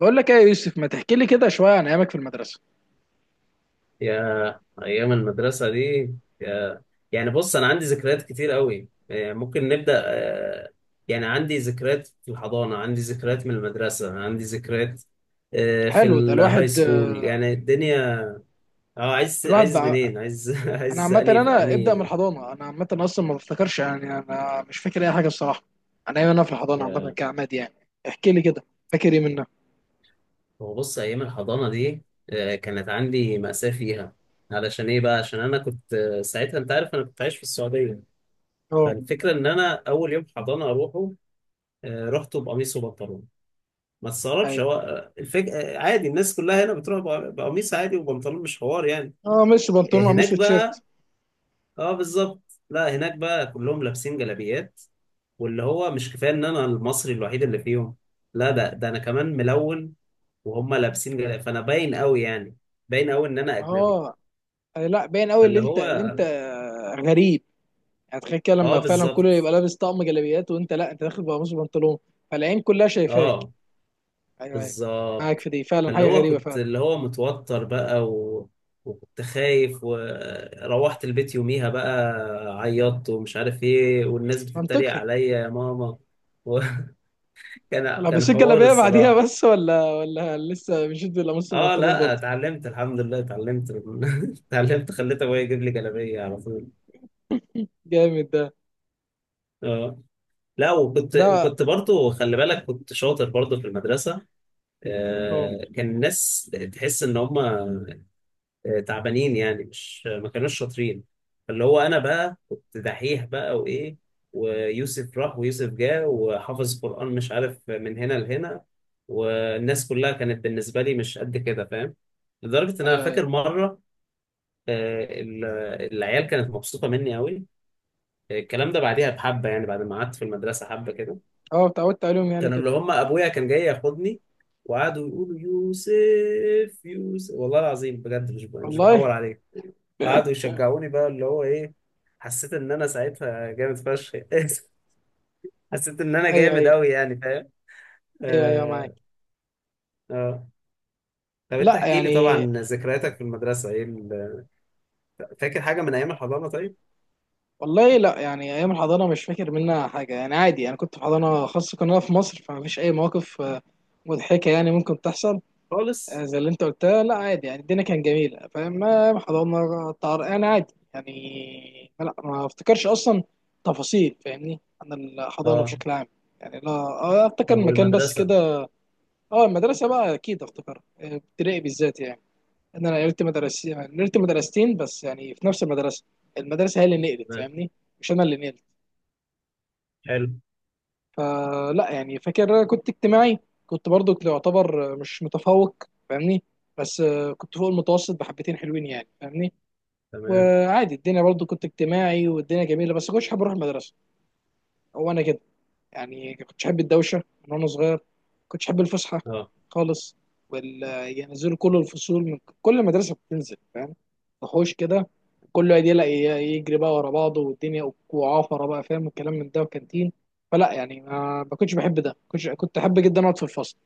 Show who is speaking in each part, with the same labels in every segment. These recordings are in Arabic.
Speaker 1: بقول لك ايه يا يوسف، ما تحكي لي كده شويه عن ايامك في المدرسه.
Speaker 2: يا ايام المدرسه دي، يا يعني بص انا عندي ذكريات كتير قوي. يعني ممكن نبدا. يعني عندي ذكريات في الحضانه، عندي ذكريات من المدرسه، عندي ذكريات في
Speaker 1: حلو ده.
Speaker 2: الهاي
Speaker 1: الواحد
Speaker 2: سكول. يعني الدنيا. اه عايز
Speaker 1: الواحد
Speaker 2: عايز
Speaker 1: بقى.
Speaker 2: منين عايز
Speaker 1: انا
Speaker 2: عايز
Speaker 1: عامه،
Speaker 2: اني في
Speaker 1: انا ابدا من
Speaker 2: اني
Speaker 1: الحضانه. انا عامه اصلا ما بفتكرش، يعني انا مش فاكر اي حاجه الصراحه. انا ايام انا في الحضانه عامه
Speaker 2: يا-
Speaker 1: كعماد يعني. احكي لي كده، فاكر ايه منها؟
Speaker 2: هو بص، ايام الحضانه دي كانت عندي مأساة فيها. علشان ايه بقى؟ عشان انا كنت ساعتها، انت عارف انا كنت عايش في السعوديه.
Speaker 1: اه.
Speaker 2: فالفكره ان انا اول يوم حضانه اروحه، رحته بقميص وبنطلون. ما تستغربش،
Speaker 1: ايوه.
Speaker 2: هو آه، الفك... آه، عادي الناس كلها هنا بتروح بقميص عادي وبنطلون، مش حوار يعني.
Speaker 1: اه، مش بنطلون وقميص
Speaker 2: هناك بقى
Speaker 1: وتيشيرت.
Speaker 2: اه بالظبط، لا هناك بقى كلهم لابسين جلابيات. واللي هو مش كفايه ان انا المصري الوحيد اللي فيهم، لا ده انا كمان ملون وهم لابسين جلابيات، فانا باين قوي يعني، باين قوي ان انا اجنبي.
Speaker 1: اه، أي، لا باين قوي اللي
Speaker 2: فاللي
Speaker 1: انت
Speaker 2: هو
Speaker 1: اللي انت غريب. يعني تخيل كده،
Speaker 2: اه
Speaker 1: لما فعلا كله
Speaker 2: بالظبط،
Speaker 1: يبقى لابس طقم جلابيات، وانت لا، انت داخل بقميص وبنطلون. فالعين كلها شايفاك.
Speaker 2: اه
Speaker 1: ايوه ايوه، معاك
Speaker 2: بالظبط،
Speaker 1: في دي، فعلا
Speaker 2: فاللي
Speaker 1: حاجه
Speaker 2: هو
Speaker 1: غريبه
Speaker 2: كنت
Speaker 1: فعلا.
Speaker 2: اللي هو متوتر بقى وكنت خايف، وروحت البيت يوميها بقى، عيطت ومش عارف ايه، والناس بتتريق
Speaker 1: منطقي.
Speaker 2: عليا يا ماما. وكان كان
Speaker 1: لو
Speaker 2: كان
Speaker 1: بسيت
Speaker 2: حوار
Speaker 1: جلابيه بعديها
Speaker 2: الصراحة.
Speaker 1: بس، ولا لسه مشيت، ولا مصر
Speaker 2: اه
Speaker 1: البنطلون
Speaker 2: لا
Speaker 1: برضه؟
Speaker 2: اتعلمت، الحمد لله اتعلمت اتعلمت، خليت ابويا يجيب لي جلابية على طول.
Speaker 1: جامد ده.
Speaker 2: اه لا وكنت
Speaker 1: ده.
Speaker 2: وكنت برضو، خلي بالك، كنت شاطر برضو في المدرسة.
Speaker 1: اه.
Speaker 2: كان الناس تحس ان هم تعبانين يعني، مش ما كانوش شاطرين. فاللي هو انا بقى كنت دحيح بقى وايه، ويوسف راح ويوسف جه وحافظ قرآن مش عارف من هنا لهنا. والناس كلها كانت بالنسبة لي مش قد كده، فاهم؟ لدرجة ان انا
Speaker 1: ايوه ايوه.
Speaker 2: فاكر مرة آه، ال- العيال كانت مبسوطة مني قوي. الكلام ده بعديها بحبة، يعني بعد ما قعدت في المدرسة حبة كده،
Speaker 1: اه، اتعودت عليهم يعني
Speaker 2: كانوا
Speaker 1: كده.
Speaker 2: اللي هم ابويا كان جاي ياخدني وقعدوا يقولوا يوسف يوسف، والله العظيم بجد مش بحور
Speaker 1: والله.
Speaker 2: عليك. قعدوا يشجعوني بقى اللي هو ايه، حسيت ان انا ساعتها جامد فشخ حسيت ان انا
Speaker 1: ايوه
Speaker 2: جامد
Speaker 1: ايوه.
Speaker 2: قوي يعني، فاهم؟
Speaker 1: ايوه ايوه، معاك.
Speaker 2: اه اه. طب انت
Speaker 1: لا
Speaker 2: احكي لي
Speaker 1: يعني.
Speaker 2: طبعا ذكرياتك في المدرسه ايه فاكر حاجه من ايام الحضانه؟ طيب
Speaker 1: والله لا، يعني ايام الحضانه مش فاكر منها حاجه. يعني عادي، انا كنت في حضانه خاصه، كنا في مصر، فما فيش اي مواقف مضحكه يعني ممكن تحصل.
Speaker 2: خالص.
Speaker 1: زي اللي انت قلتها، لا عادي يعني. الدنيا كانت جميله، فاهم؟ ما حضرنا طرقان عادي يعني. لا ما افتكرش اصلا تفاصيل، فاهمني، عن الحضانه
Speaker 2: اه
Speaker 1: بشكل عام. يعني لا، اه افتكر
Speaker 2: طب
Speaker 1: المكان بس
Speaker 2: والمدرسه.
Speaker 1: كده. اه المدرسه بقى اكيد افتكرها، ابتدائي بالذات يعني. ان انا نقلت مدرسين، نقلت مدرستين بس يعني، في نفس المدرسه. المدرسه هي اللي نقلت
Speaker 2: تمام،
Speaker 1: فاهمني، مش انا اللي نقلت.
Speaker 2: حلو،
Speaker 1: فلا يعني، فاكر كنت اجتماعي. كنت برضو، كنت يعتبر مش متفوق، فاهمني. بس كنت فوق المتوسط بحبتين حلوين يعني، فاهمني.
Speaker 2: تمام.
Speaker 1: وعادي الدنيا، برضو كنت اجتماعي والدنيا جميله، بس كنتش حابب اروح المدرسه. هو انا كده يعني، كنتش احب الدوشه من وانا صغير، كنتش احب الفسحه
Speaker 2: اه
Speaker 1: خالص. وال، ينزلوا كل الفصول، من كل مدرسه بتنزل فاهم، وحوش كده، كله يدي لا، يجري بقى ورا بعضه والدنيا وعافره بقى، فاهم الكلام من ده، وكانتين. فلا يعني، ما كنتش بحب ده، كنت احب جدا اقعد في الفصل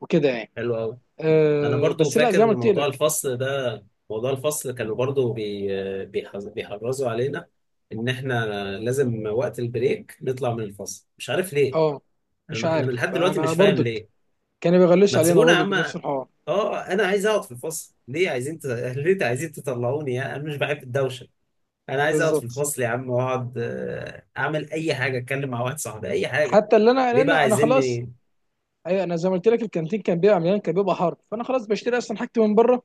Speaker 1: وكده يعني.
Speaker 2: حلو قوي. انا
Speaker 1: أه
Speaker 2: برضو
Speaker 1: بس لا، زي ما
Speaker 2: فاكر
Speaker 1: قلت
Speaker 2: موضوع
Speaker 1: لك.
Speaker 2: الفصل ده، موضوع الفصل كانوا برضو بيحرصوا علينا ان احنا لازم وقت البريك نطلع من الفصل، مش عارف ليه.
Speaker 1: اه مش
Speaker 2: انا
Speaker 1: عارف،
Speaker 2: لحد دلوقتي
Speaker 1: فانا
Speaker 2: مش فاهم
Speaker 1: برضك
Speaker 2: ليه.
Speaker 1: كانوا
Speaker 2: ما
Speaker 1: بيغلسوا علينا
Speaker 2: تسيبونا يا
Speaker 1: برضك
Speaker 2: عم،
Speaker 1: بنفس الحوار.
Speaker 2: اه انا عايز اقعد في الفصل. ليه عايزين ليه عايزين تطلعوني يا؟ انا مش بحب الدوشه، انا عايز اقعد في
Speaker 1: بالظبط.
Speaker 2: الفصل يا عم واقعد، اعمل اي حاجه، اتكلم مع واحد صاحبي، اي حاجه.
Speaker 1: حتى اللي انا،
Speaker 2: ليه
Speaker 1: لان
Speaker 2: بقى
Speaker 1: انا خلاص.
Speaker 2: عايزيني؟
Speaker 1: ايوه انا زي ما قلت لك، الكانتين كان بيبقى مليان، كان بيبقى حر، فانا خلاص بشتري اصلا حاجتي من بره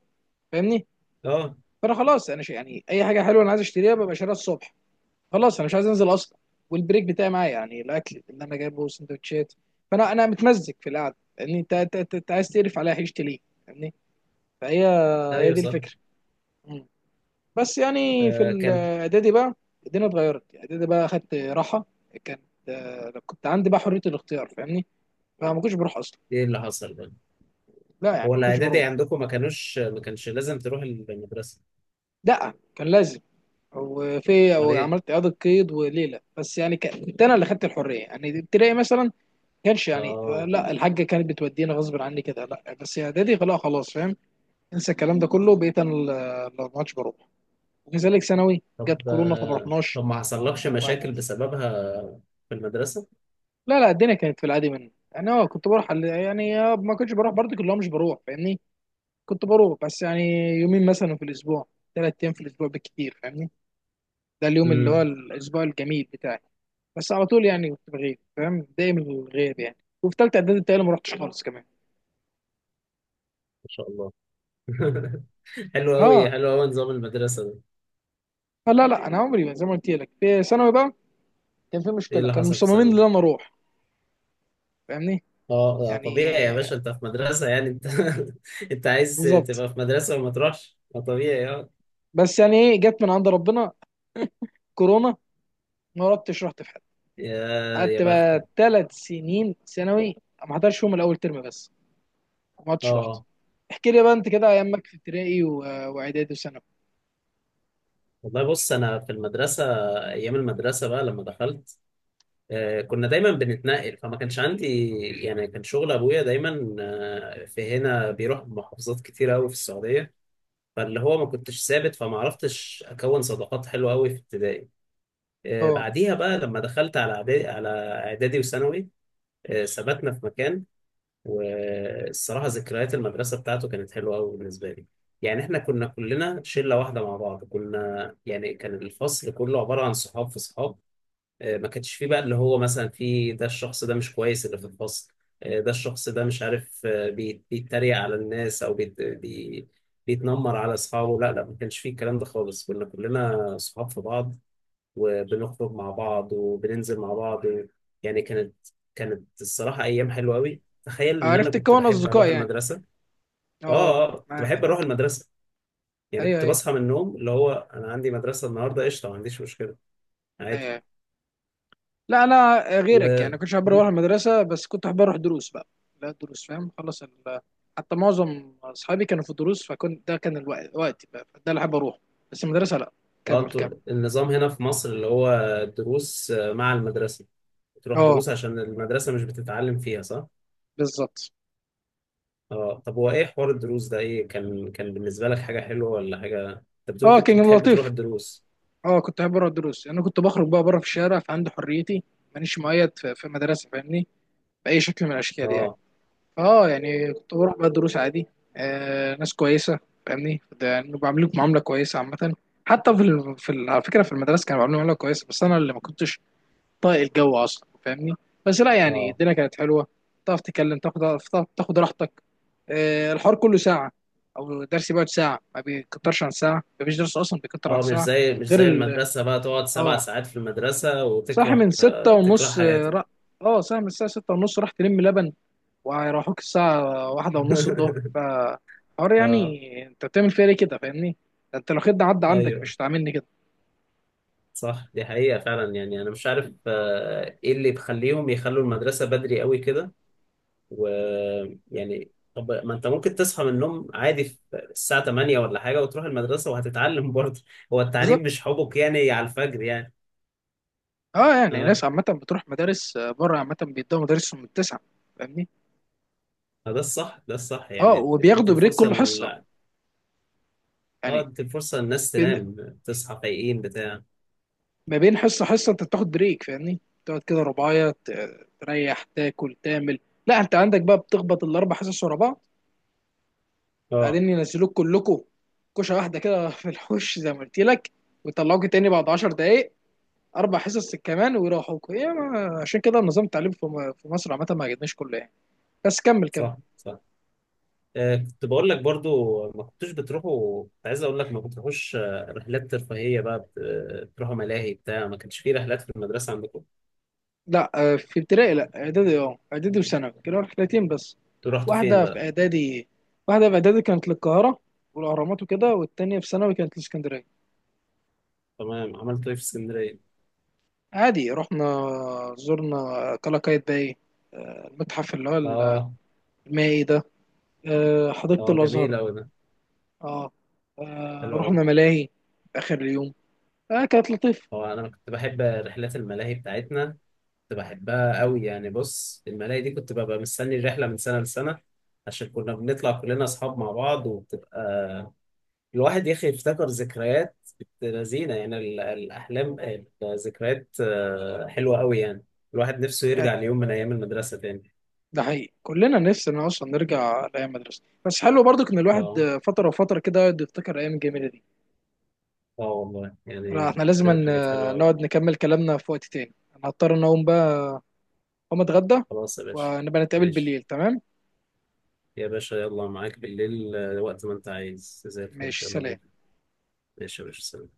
Speaker 1: فاهمني.
Speaker 2: اه
Speaker 1: فانا خلاص انا يعني اي حاجه حلوه انا عايز اشتريها ببقى شاريها الصبح. خلاص انا مش عايز انزل اصلا. والبريك بتاعي معايا يعني، الاكل اللي انا جايبه سندوتشات. فانا انا متمزج في القعده، لان انت انت انت أنت عايز تقرف عليها عيشتي ليه؟ فاهمني. فهي، هي
Speaker 2: ايوه
Speaker 1: دي
Speaker 2: صح.
Speaker 1: الفكره. مم. بس يعني في
Speaker 2: آه كان
Speaker 1: الاعدادي بقى الدنيا اتغيرت. اعدادي بقى اخدت راحه. كانت، كنت عندي بقى حريه الاختيار فاهمني، فما كنتش بروح اصلا.
Speaker 2: ايه اللي حصل بقى؟
Speaker 1: لا يعني
Speaker 2: هو
Speaker 1: ما كنتش
Speaker 2: الاعدادي
Speaker 1: بروح.
Speaker 2: عندكم ما كانش لازم تروح المدرسه؟
Speaker 1: لا كان لازم. وفي
Speaker 2: امال
Speaker 1: او
Speaker 2: ايه.
Speaker 1: عملت اعاده قيد وليله، بس يعني كنت انا اللي خدت الحريه يعني. ابتدائي مثلا ما كانش يعني.
Speaker 2: اه
Speaker 1: لا الحاجه كانت بتودينا غصب عني كده، لا بس اعدادي لا، خلاص فاهم، انسى الكلام ده كله، بقيت انا اللي ما عادش بروح. وكذلك ثانوي، جت
Speaker 2: طب
Speaker 1: كورونا فما رحناش،
Speaker 2: طب ما حصلكش
Speaker 1: وهكذا.
Speaker 2: مشاكل بسببها في المدرسه؟
Speaker 1: لا لا، الدنيا كانت في العادي مني انا يعني. كنت بروح يعني ما كنتش بروح برضه، كلهم مش بروح فاهمني. كنت بروح بس يعني يومين مثلا في الاسبوع، ثلاث ايام في الاسبوع بالكتير فاهمني. ده اليوم اللي هو
Speaker 2: امم.
Speaker 1: الاسبوع الجميل بتاعي. بس على طول يعني كنت بغيب فاهم، دايما الغياب يعني. وفي ثالثه اعدادي بتهيألي ما رحتش خالص كمان.
Speaker 2: ما شاء الله حلو قوي
Speaker 1: اه.
Speaker 2: حلو قوي نظام المدرسة ده.
Speaker 1: لا لا انا عمري ما، زي ما قلت لك، في ثانوي بقى كان في
Speaker 2: ايه
Speaker 1: مشكله،
Speaker 2: اللي
Speaker 1: كانوا
Speaker 2: حصل في
Speaker 1: مصممين ان
Speaker 2: ثانوي؟
Speaker 1: انا اروح فاهمني.
Speaker 2: اه
Speaker 1: يعني
Speaker 2: طبيعي يا باشا،
Speaker 1: آه،
Speaker 2: انت في مدرسة يعني. انت انت عايز
Speaker 1: بالظبط.
Speaker 2: تبقى في مدرسة وما تروحش؟ ما طبيعي، اه.
Speaker 1: بس يعني ايه جت من عند ربنا، كورونا. ما رحتش. رحت في حد.
Speaker 2: يا يا
Speaker 1: قعدت
Speaker 2: بختك.
Speaker 1: بقى ثلاث سنين ثانوي ما حضرش يوم، الاول ترم بس ما حضرتش رحت.
Speaker 2: اه
Speaker 1: احكي لي بقى انت كده ايامك في ابتدائي واعدادي وثانوي.
Speaker 2: والله بص، انا في المدرسة، ايام المدرسة بقى لما دخلت، آه كنا دايما بنتنقل، فما كانش عندي يعني. كان شغل ابويا دايما آه في هنا، بيروح محافظات كتير قوي في السعودية. فاللي هو ما كنتش ثابت، فما عرفتش اكون صداقات حلوة قوي في ابتدائي.
Speaker 1: اه
Speaker 2: بعديها بقى لما دخلت على اعدادي وثانوي، ثبتنا في مكان. والصراحه ذكريات المدرسه بتاعته كانت حلوه قوي بالنسبه لي. يعني احنا كنا كلنا شله واحده مع بعض، كنا يعني، كان الفصل كله عباره عن صحاب في صحاب. ما كانش فيه بقى اللي هو مثلا في ده، الشخص ده مش كويس اللي في الفصل. ده الشخص ده مش عارف، بيتريق على الناس، او بيتنمر على اصحابه. لا لا، ما كانش فيه الكلام ده خالص. كنا كلنا صحاب في بعض، وبنخرج مع بعض، وبننزل مع بعض. يعني كانت الصراحة أيام حلوة أوي. تخيل إن أنا
Speaker 1: عرفت
Speaker 2: كنت
Speaker 1: تكون
Speaker 2: بحب
Speaker 1: اصدقاء
Speaker 2: أروح
Speaker 1: يعني.
Speaker 2: المدرسة.
Speaker 1: اه
Speaker 2: آه آه، كنت
Speaker 1: معاك.
Speaker 2: بحب أروح المدرسة. يعني
Speaker 1: ايوه
Speaker 2: كنت
Speaker 1: ايوه.
Speaker 2: بصحى من النوم، اللي هو أنا عندي مدرسة النهاردة قشطة، ما عنديش مشكلة. عادي.
Speaker 1: ايوه. لا انا
Speaker 2: و
Speaker 1: غيرك يعني، كنتش احب
Speaker 2: م؟
Speaker 1: اروح المدرسه، بس كنت احب اروح دروس بقى. لا دروس فاهم، حتى معظم اصحابي كانوا في دروس، فكنت، ده كان الوقت وقتي بقى ده اللي احب اروح، بس المدرسه لا.
Speaker 2: آه
Speaker 1: كمل كمل.
Speaker 2: أنتوا النظام هنا في مصر اللي هو دروس، مع المدرسة. تروح
Speaker 1: اه
Speaker 2: دروس عشان المدرسة مش بتتعلم فيها، صح؟
Speaker 1: بالظبط.
Speaker 2: آه طب هو إيه حوار الدروس ده؟ إيه كان بالنسبة لك، حاجة حلوة ولا حاجة؟ أنت بتقول
Speaker 1: اه
Speaker 2: كنت
Speaker 1: كان
Speaker 2: بتحب تروح
Speaker 1: لطيف.
Speaker 2: الدروس.
Speaker 1: اه كنت احب اروح الدروس. انا كنت بخرج بقى بره في الشارع فعندي حريتي، مانيش مقيد في مدرسه فاهمني، باي شكل من الاشكال يعني.
Speaker 2: آه
Speaker 1: اه يعني كنت بروح بقى دروس عادي، آه ناس كويسه فاهمني، ده يعني بعملوك معامله كويسه عامه. حتى على فكره في المدرسه كانوا بيعملوا معامله كويسه، بس انا اللي ما كنتش طايق الجو اصلا فاهمني. بس لا يعني
Speaker 2: آه.
Speaker 1: الدنيا كانت حلوه، تعرف تتكلم، تعرف تاخد راحتك. آه الحوار كله ساعه، او درس بيقعد ساعه، ما بيكترش عن ساعه، ما فيش درس اصلا بيكتر عن
Speaker 2: اه
Speaker 1: ساعه.
Speaker 2: مش
Speaker 1: غير
Speaker 2: زي
Speaker 1: ال،
Speaker 2: المدرسة بقى، تقعد سبع
Speaker 1: اه
Speaker 2: ساعات في المدرسة
Speaker 1: صاحي من
Speaker 2: وتكره،
Speaker 1: ستة
Speaker 2: آه تكره
Speaker 1: ونص، اه
Speaker 2: حياتك.
Speaker 1: صاحي من الساعه ستة ونص راح تلم لبن، وهيروحوك الساعة واحدة ونص الظهر، فحوار
Speaker 2: اه
Speaker 1: يعني انت بتعمل فيها ليه كده فاهمني؟ ده انت لو خد عدى عندك
Speaker 2: ايوه
Speaker 1: مش هتعاملني كده.
Speaker 2: صح. دي حقيقة فعلا. يعني انا مش عارف آه ايه اللي بيخليهم يخلوا المدرسة بدري قوي كده. ويعني طب ما انت ممكن تصحى من النوم عادي في الساعة 8 ولا حاجة، وتروح المدرسة وهتتعلم برضه. هو التعليم مش
Speaker 1: بالظبط.
Speaker 2: حبك يعني على الفجر يعني.
Speaker 1: اه يعني
Speaker 2: اه
Speaker 1: ناس عامة بتروح مدارس بره، عامة بيدوا مدارسهم من التسعة فاهمني؟
Speaker 2: ده الصح ده الصح.
Speaker 1: اه
Speaker 2: يعني ادي
Speaker 1: وبياخدوا بريك
Speaker 2: الفرصة
Speaker 1: كل حصة
Speaker 2: اه
Speaker 1: يعني،
Speaker 2: ادي الفرصة للناس
Speaker 1: بين،
Speaker 2: تنام، تصحى فايقين بتاع.
Speaker 1: ما بين حصة حصة انت بتاخد بريك فاهمني؟ تقعد كده رباية تريح تاكل تعمل. لا انت عندك بقى بتخبط الاربع حصص ورا بعض،
Speaker 2: اه
Speaker 1: بعدين ينزلوك كلكم كوشه واحده كده في الحوش زي ما قلت لك، ويطلعوك تاني بعد 10 دقايق اربع حصص كمان، ويروحوكوا ايه عشان كده النظام التعليمي في مصر عامه ما عجبنيش كله يعني. بس كمل كمل.
Speaker 2: صح صح. آه كنت بقول لك، برضو ما كنتوش بتروحوا. كنت عايز اقول لك ما بتروحوش رحلات ترفيهيه بقى بتروحوا ملاهي بتاع؟ ما كانش في رحلات في المدرسه عندكم؟
Speaker 1: لا في ابتدائي لا، اعدادي اه، اعدادي وثانوي كانوا رحلتين بس.
Speaker 2: انتوا رحتوا فين
Speaker 1: واحده في
Speaker 2: بقى؟
Speaker 1: اعدادي، واحده في اعدادي كانت للقاهره والاهرامات وكده، والتانيه في ثانوي كانت لاسكندريه.
Speaker 2: تمام، عملتوا ايه في اسكندريه؟
Speaker 1: عادي رحنا، زرنا قلعة باي، المتحف اللي هو
Speaker 2: اه
Speaker 1: المائي ده،
Speaker 2: اه،
Speaker 1: حديقه
Speaker 2: جميل
Speaker 1: الازهر.
Speaker 2: قوي ده.
Speaker 1: اه
Speaker 2: حلو قوي.
Speaker 1: رحنا ملاهي في اخر اليوم. آه كانت لطيفه.
Speaker 2: هو انا كنت بحب رحلات الملاهي بتاعتنا، كنت بحبها قوي يعني. بص الملاهي دي كنت ببقى مستني الرحله من سنه لسنه، عشان كنا بنطلع كلنا اصحاب مع بعض، وبتبقى الواحد يا اخي يفتكر ذكريات بنت لذينه. يعني الاحلام، الذكريات حلوه قوي يعني. الواحد نفسه يرجع ليوم من ايام المدرسه تاني.
Speaker 1: ده حقيقي، كلنا نفسنا اصلا نرجع لايام مدرسه، بس حلو برضك ان
Speaker 2: اه
Speaker 1: الواحد فتره وفتره كده يقعد يفتكر ايام جميله دي.
Speaker 2: اه، والله
Speaker 1: لا،
Speaker 2: يعني
Speaker 1: احنا لازم
Speaker 2: فكرتني بحاجات حلوه قوي.
Speaker 1: نقعد نكمل كلامنا في وقت تاني. انا هضطر ان اقوم بقى، اقوم اتغدى،
Speaker 2: خلاص يا باشا،
Speaker 1: ونبقى نتقابل
Speaker 2: ماشي
Speaker 1: بالليل، تمام؟
Speaker 2: يا باشا، يلا معاك بالليل. وقت ما انت عايز زي الفل،
Speaker 1: ماشي
Speaker 2: يلا
Speaker 1: سلام.
Speaker 2: بينا. ماشي يا باشا، سلام.